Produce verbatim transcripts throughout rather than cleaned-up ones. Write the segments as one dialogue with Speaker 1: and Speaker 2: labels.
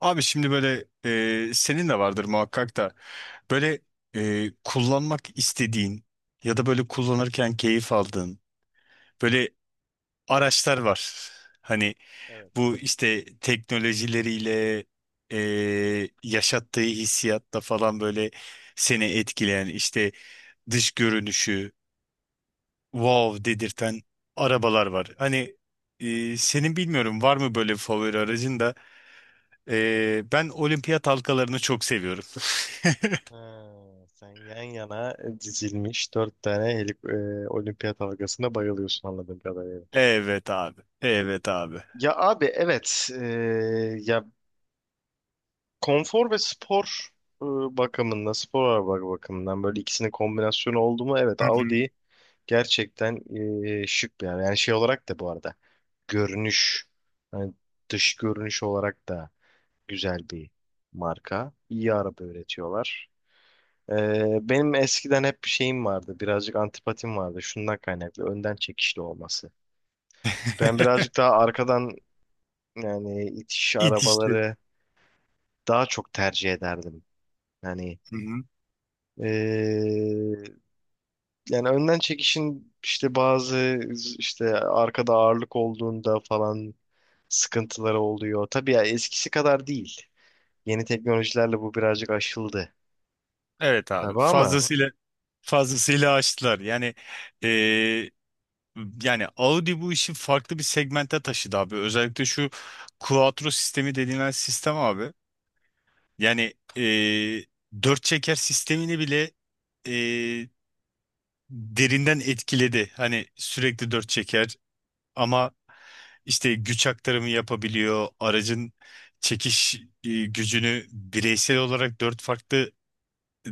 Speaker 1: Abi şimdi böyle, e, senin de vardır muhakkak da böyle, e, kullanmak istediğin ya da böyle kullanırken keyif aldığın böyle araçlar var. Hani
Speaker 2: Evet.
Speaker 1: bu işte teknolojileriyle, e, yaşattığı hissiyatta falan böyle seni etkileyen, işte dış görünüşü wow dedirten arabalar var. Hani e, senin bilmiyorum var mı böyle favori aracın da. Ee, ben olimpiyat halkalarını çok seviyorum.
Speaker 2: Ha, sen yan yana dizilmiş dört tane helik, e, olimpiyat halkasına bayılıyorsun anladığım kadarıyla.
Speaker 1: Evet abi. Evet abi.
Speaker 2: Ya abi evet e, ya konfor ve spor e, bakımında spor araba bakımından böyle ikisinin kombinasyonu oldu mu evet
Speaker 1: Hı hı.
Speaker 2: Audi gerçekten e, şık bir araba. Yani şey olarak da bu arada görünüş hani dış görünüş olarak da güzel bir marka. İyi araba üretiyorlar. Ee, benim eskiden hep bir şeyim vardı. Birazcık antipatim vardı. Şundan kaynaklı. Önden çekişli olması. Ben birazcık daha arkadan yani itiş
Speaker 1: İtişli.
Speaker 2: arabaları daha çok tercih ederdim. Yani
Speaker 1: Hı hı.
Speaker 2: ee, yani önden çekişin işte bazı işte arkada ağırlık olduğunda falan sıkıntıları oluyor. Tabii ya eskisi kadar değil. Yeni teknolojilerle bu birazcık aşıldı.
Speaker 1: Evet abi.
Speaker 2: Tabii ama
Speaker 1: Fazlasıyla fazlasıyla açtılar. Yani e, yani Audi bu işi farklı bir segmente taşıdı abi. Özellikle şu Quattro sistemi denilen sistem abi. Yani e, dört çeker sistemini bile e, derinden etkiledi. Hani sürekli dört çeker, ama işte güç aktarımı yapabiliyor. Aracın çekiş e, gücünü bireysel olarak dört farklı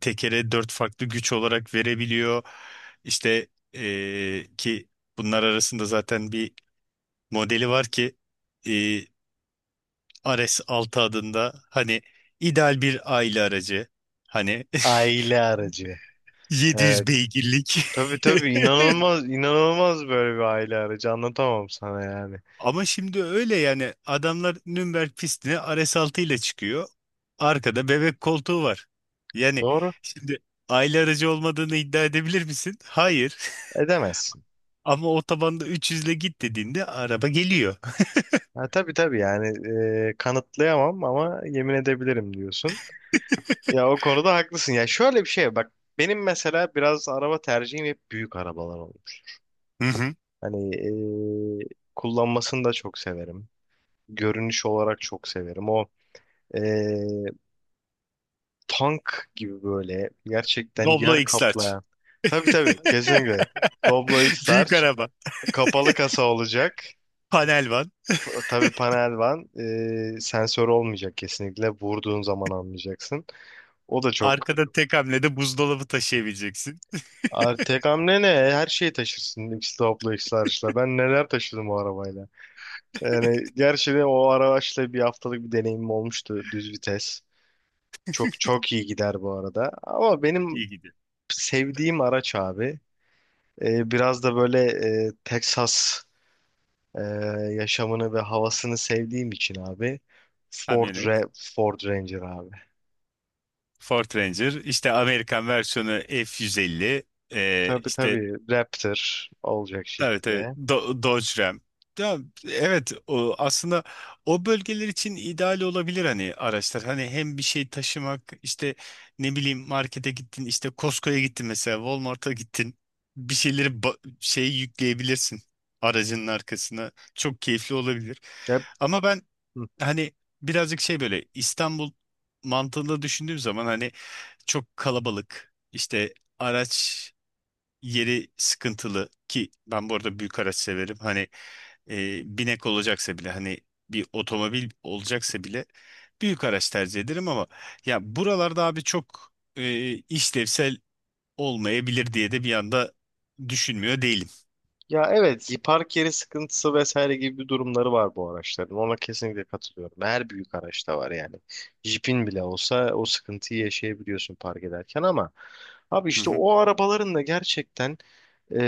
Speaker 1: tekere dört farklı güç olarak verebiliyor. İşte, e, ki bunlar arasında zaten bir modeli var ki, e, R S altı adında, hani ideal bir aile aracı, hani.
Speaker 2: aile aracı.
Speaker 1: yedi yüz
Speaker 2: Evet.
Speaker 1: beygirlik.
Speaker 2: Tabii tabii inanılmaz inanılmaz böyle bir aile aracı anlatamam sana yani.
Speaker 1: Ama şimdi öyle, yani adamlar Nürnberg pistine R S altı ile çıkıyor. Arkada bebek koltuğu var. Yani
Speaker 2: Doğru,
Speaker 1: şimdi aile aracı olmadığını iddia edebilir misin? Hayır.
Speaker 2: edemezsin.
Speaker 1: Ama otobanda üç yüz ile git dediğinde araba geliyor.
Speaker 2: Ha, tabii tabii yani e, kanıtlayamam ama yemin edebilirim diyorsun. Ya o konuda haklısın. Ya şöyle bir şey bak, benim mesela biraz araba tercihim hep büyük arabalar olmuş.
Speaker 1: Hı hı.
Speaker 2: Hani e, kullanmasını da çok severim. Görünüş olarak çok severim. O e, tank gibi böyle gerçekten
Speaker 1: Doblo
Speaker 2: yer
Speaker 1: X-Large.
Speaker 2: kaplayan. Tabii tabii kesinlikle. Doblo x.
Speaker 1: Büyük araba.
Speaker 2: Kapalı kasa olacak.
Speaker 1: Panel van.
Speaker 2: Tabii panel van. Ee, sensör olmayacak kesinlikle. Vurduğun zaman anlayacaksın. O da çok.
Speaker 1: Arkada tek hamlede buzdolabı taşıyabileceksin.
Speaker 2: Ar- Tek hamle ne? Her şeyi taşırsın. X topla, X large'la. Ben neler taşıdım o arabayla. Yani gerçi de o araçla bir haftalık bir deneyimim olmuştu. Düz vites. Çok çok iyi gider bu arada. Ama
Speaker 1: İyi
Speaker 2: benim
Speaker 1: gidiyor.
Speaker 2: sevdiğim araç abi. Ee, biraz da böyle e, Texas Ee, yaşamını ve havasını sevdiğim için abi Ford
Speaker 1: Kamyonet.
Speaker 2: Ra- Ford Ranger abi.
Speaker 1: Ford Ranger. İşte Amerikan versiyonu F yüz elli. Ee,
Speaker 2: Tabii
Speaker 1: işte
Speaker 2: tabii Raptor olacak
Speaker 1: Tabii tabii.
Speaker 2: şekilde.
Speaker 1: Do Dodge Ram. Ya, evet o aslında o bölgeler için ideal olabilir, hani araçlar. Hani hem bir şey taşımak, işte ne bileyim markete gittin, işte Costco'ya gittin, mesela Walmart'a gittin. Bir şeyleri ba- şey yükleyebilirsin aracının arkasına. Çok keyifli olabilir.
Speaker 2: Ya,
Speaker 1: Ama ben,
Speaker 2: hı.
Speaker 1: hani birazcık şey, böyle İstanbul mantığında düşündüğüm zaman, hani çok kalabalık, işte araç yeri sıkıntılı, ki ben bu arada büyük araç severim. Hani e, binek olacaksa bile, hani bir otomobil olacaksa bile büyük araç tercih ederim, ama ya buralarda abi çok e, işlevsel olmayabilir diye de bir anda düşünmüyor değilim.
Speaker 2: Ya evet, park yeri sıkıntısı vesaire gibi bir durumları var bu araçların. Ona kesinlikle katılıyorum. Her büyük araçta var yani. Jeep'in bile olsa o sıkıntıyı yaşayabiliyorsun park ederken ama abi
Speaker 1: Hı
Speaker 2: işte
Speaker 1: hı,
Speaker 2: o arabaların da gerçekten ee,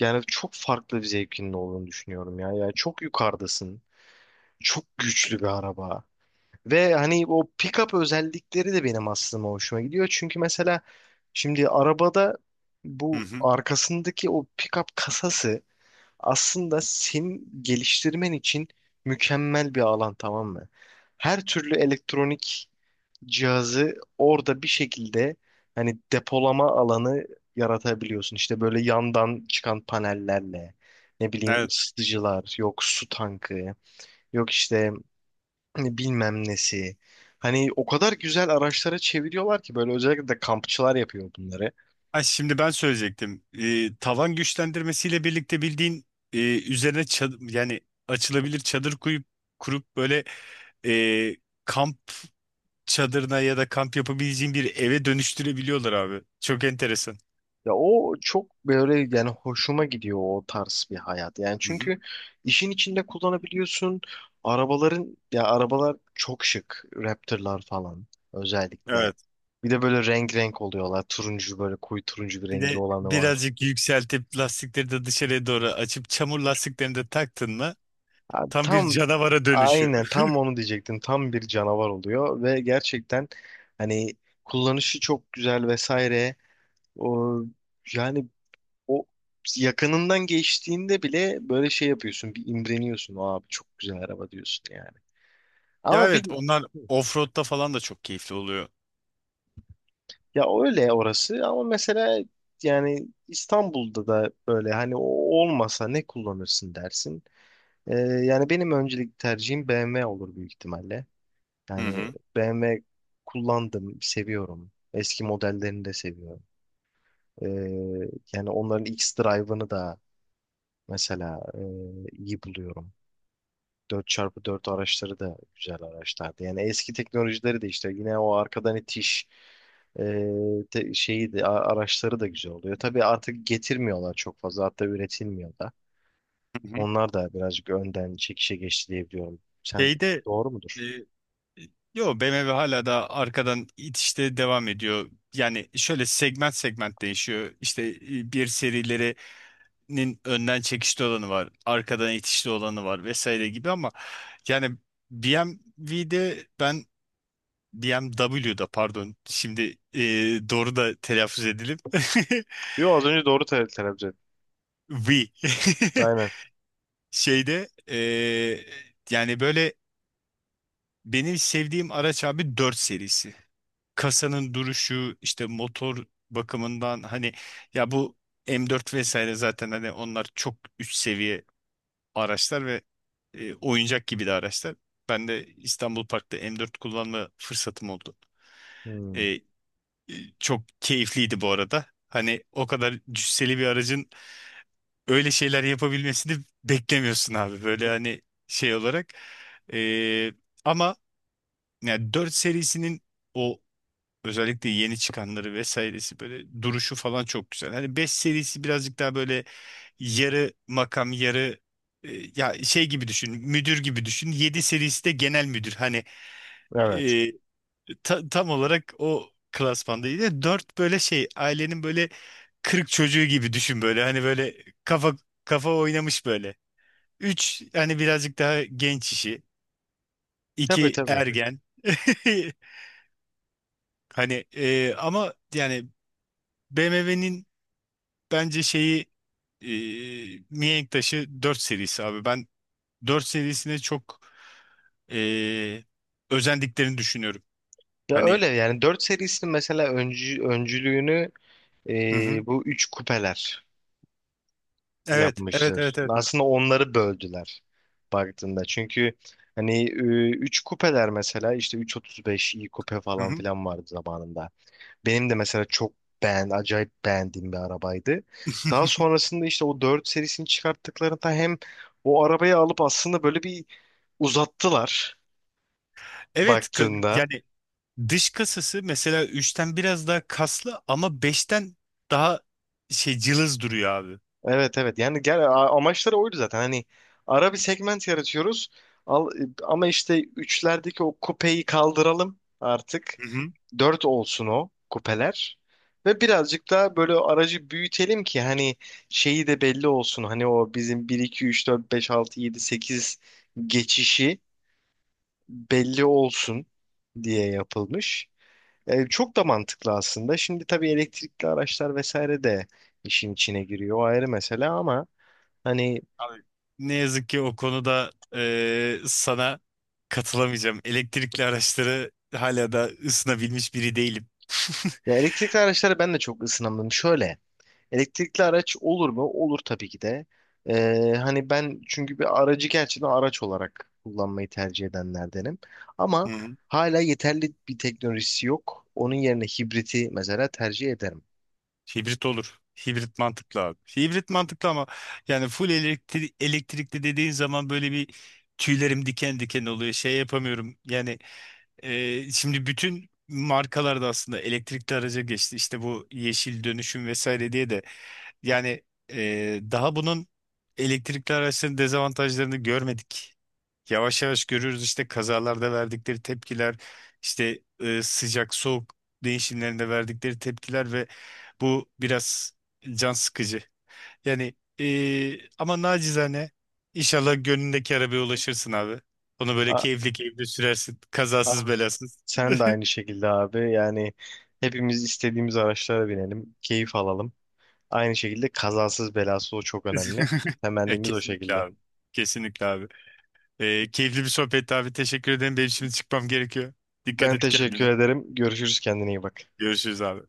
Speaker 2: yani çok farklı bir zevkinin olduğunu düşünüyorum ya. Yani çok yukarıdasın. Çok güçlü bir araba. Ve hani o pick-up özellikleri de benim aslında hoşuma gidiyor. Çünkü mesela şimdi arabada
Speaker 1: hı
Speaker 2: bu
Speaker 1: hı.
Speaker 2: arkasındaki o pick-up kasası aslında senin geliştirmen için mükemmel bir alan, tamam mı? Her türlü elektronik cihazı orada bir şekilde hani depolama alanı yaratabiliyorsun. İşte böyle yandan çıkan panellerle ne bileyim
Speaker 1: Evet.
Speaker 2: ısıtıcılar, yok su tankı, yok işte hani bilmem nesi. Hani o kadar güzel araçlara çeviriyorlar ki böyle, özellikle de kampçılar yapıyor bunları.
Speaker 1: Ha, şimdi ben söyleyecektim. E, tavan güçlendirmesiyle birlikte bildiğin, e, üzerine çad- yani açılabilir çadır kuyup kurup böyle, e, kamp çadırına ya da kamp yapabileceğin bir eve dönüştürebiliyorlar abi. Çok enteresan.
Speaker 2: Ya o çok böyle, yani hoşuma gidiyor o tarz bir hayat. Yani
Speaker 1: Hı hı.
Speaker 2: çünkü işin içinde kullanabiliyorsun. Arabaların, ya arabalar çok şık. Raptor'lar falan özellikle.
Speaker 1: Evet.
Speaker 2: Bir de böyle renk renk oluyorlar. Turuncu, böyle koyu turuncu bir
Speaker 1: Bir
Speaker 2: rengi
Speaker 1: de
Speaker 2: olanı var.
Speaker 1: birazcık yükseltip, lastikleri de dışarıya doğru açıp çamur lastiklerini de taktın mı,
Speaker 2: Abi
Speaker 1: tam bir
Speaker 2: tam.
Speaker 1: canavara dönüşüyor.
Speaker 2: Aynen tam onu diyecektim. Tam bir canavar oluyor ve gerçekten hani kullanışı çok güzel vesaire. O yani o yakınından geçtiğinde bile böyle şey yapıyorsun. Bir imreniyorsun. Abi çok güzel araba diyorsun yani.
Speaker 1: Ya
Speaker 2: Ama bir
Speaker 1: evet, onlar offroad'da falan da çok keyifli oluyor.
Speaker 2: Ya öyle orası, ama mesela yani İstanbul'da da böyle hani o olmasa ne kullanırsın dersin. Ee, yani benim öncelik tercihim B M W olur büyük ihtimalle.
Speaker 1: Hı
Speaker 2: Yani
Speaker 1: hı.
Speaker 2: B M W kullandım, seviyorum. Eski modellerini de seviyorum. Ee, yani onların X-Drive'ını da mesela e, iyi buluyorum. Dört çarpı dört araçları da güzel araçlardı. Yani eski teknolojileri de işte, yine o arkadan itiş e, te- şeyi de a- araçları da güzel oluyor. Tabii artık getirmiyorlar çok fazla, hatta üretilmiyor da.
Speaker 1: Hı hı.
Speaker 2: Onlar da birazcık önden çekişe geçti diye biliyorum. Sen,
Speaker 1: Şeyde,
Speaker 2: doğru
Speaker 1: e,
Speaker 2: mudur?
Speaker 1: yo B M W hala da arkadan itişte devam ediyor. Yani şöyle, segment segment değişiyor. İşte e, bir serileri nin önden çekişli olanı var, arkadan itişli olanı var vesaire gibi, ama yani B M W'de ben, B M W'da pardon, şimdi e, doğru da telaffuz edelim.
Speaker 2: Yo, az önce doğru te- telaffuz ettim.
Speaker 1: V.
Speaker 2: Aynen.
Speaker 1: Şeyde, e, yani böyle benim sevdiğim araç abi dört serisi. Kasanın duruşu, işte motor bakımından, hani ya bu M dört vesaire, zaten hani onlar çok üst seviye araçlar ve e, oyuncak gibi de araçlar. Ben de İstanbul Park'ta M dört kullanma fırsatım oldu.
Speaker 2: Hmm.
Speaker 1: E, e, Çok keyifliydi bu arada. Hani o kadar cüsseli bir aracın öyle şeyler yapabilmesini beklemiyorsun abi. Böyle, hani şey olarak. E, Ama yani dört serisinin o, özellikle yeni çıkanları vesairesi böyle duruşu falan çok güzel. Hani beş serisi birazcık daha böyle yarı makam yarı, e, ya şey gibi düşün, müdür gibi düşün. Yedi serisi de genel müdür. Hani
Speaker 2: Evet.
Speaker 1: e, ta- tam olarak o klasmandaydı. Dört, böyle şey ailenin böyle kırık çocuğu gibi düşün böyle. Hani böyle kafa kafa oynamış böyle. Üç, hani birazcık daha genç işi.
Speaker 2: Tabii
Speaker 1: iki
Speaker 2: tabii.
Speaker 1: ergen. Hani, e, ama yani B M W'nin, bence şeyi, e, mihenk taşı dört serisi abi. Ben dört serisine çok e, özendiklerini düşünüyorum.
Speaker 2: Ya
Speaker 1: Hani,
Speaker 2: öyle yani, dört serisinin mesela öncü, öncülüğünü
Speaker 1: hı hı.
Speaker 2: e, bu üç kupeler
Speaker 1: Evet, evet,
Speaker 2: yapmıştır.
Speaker 1: evet, evet. Evet.
Speaker 2: Aslında onları böldüler baktığında. Çünkü hani e, üç kupeler mesela işte üç otuz beş iyi kupe
Speaker 1: Hı
Speaker 2: falan
Speaker 1: hı.
Speaker 2: filan vardı zamanında. Benim de mesela çok beğen, acayip beğendiğim bir arabaydı. Daha sonrasında, işte o dört serisini çıkarttıklarında, hem o arabayı alıp aslında böyle bir uzattılar
Speaker 1: Evet, ka-
Speaker 2: baktığında.
Speaker 1: yani dış kasası mesela üçten biraz daha kaslı, ama beşten daha şey cılız duruyor abi.
Speaker 2: Evet evet, yani gel a- amaçları oydu zaten, hani ara bir segment yaratıyoruz, al, e, ama işte üçlerdeki o kupeyi kaldıralım artık,
Speaker 1: Hı hı.
Speaker 2: dört olsun o kupeler ve birazcık daha böyle aracı büyütelim ki hani şeyi de belli olsun, hani o bizim bir iki üç dört beş altı yedi sekiz geçişi belli olsun diye yapılmış. E, çok da mantıklı aslında. Şimdi tabii elektrikli araçlar vesaire de işin içine giriyor. O ayrı mesele ama hani,
Speaker 1: Abi, ne yazık ki o konuda e, sana katılamayacağım. Elektrikli araçları hala da ısınabilmiş biri değilim.
Speaker 2: ya elektrikli araçlara ben de çok ısınamadım. Şöyle, elektrikli araç olur mu? Olur tabii ki de. Ee, hani ben çünkü bir aracı gerçekten araç olarak kullanmayı tercih edenlerdenim. Ama hala yeterli bir teknolojisi yok. Onun yerine hibriti mesela tercih ederim.
Speaker 1: Hibrit olur. Hibrit mantıklı abi. Hibrit mantıklı, ama yani full elektri elektrikli dediğin zaman böyle bir, tüylerim diken diken oluyor. Şey yapamıyorum. Yani e, şimdi bütün markalarda aslında elektrikli araca geçti. İşte bu yeşil dönüşüm vesaire diye de, yani, e, daha bunun, elektrikli araçların dezavantajlarını görmedik. Yavaş yavaş görüyoruz, işte kazalarda verdikleri tepkiler, işte e, sıcak soğuk değişimlerinde verdikleri tepkiler, ve bu biraz can sıkıcı. Yani, e, ama nacizane inşallah gönlündeki arabaya ulaşırsın abi. Onu böyle
Speaker 2: A-
Speaker 1: keyifli keyifli sürersin. Kazasız
Speaker 2: Abi,
Speaker 1: belasız.
Speaker 2: sen de aynı şekilde abi. Yani hepimiz istediğimiz araçlara binelim, keyif alalım. Aynı şekilde kazasız belasız, o çok önemli.
Speaker 1: E,
Speaker 2: Temennimiz o
Speaker 1: kesinlikle
Speaker 2: şekilde.
Speaker 1: abi. Kesinlikle abi. Ee, keyifli bir sohbetti abi. Teşekkür ederim. Benim şimdi çıkmam gerekiyor. Dikkat
Speaker 2: Ben
Speaker 1: et
Speaker 2: teşekkür
Speaker 1: kendine.
Speaker 2: ederim. Görüşürüz, kendine iyi bak.
Speaker 1: Görüşürüz abi.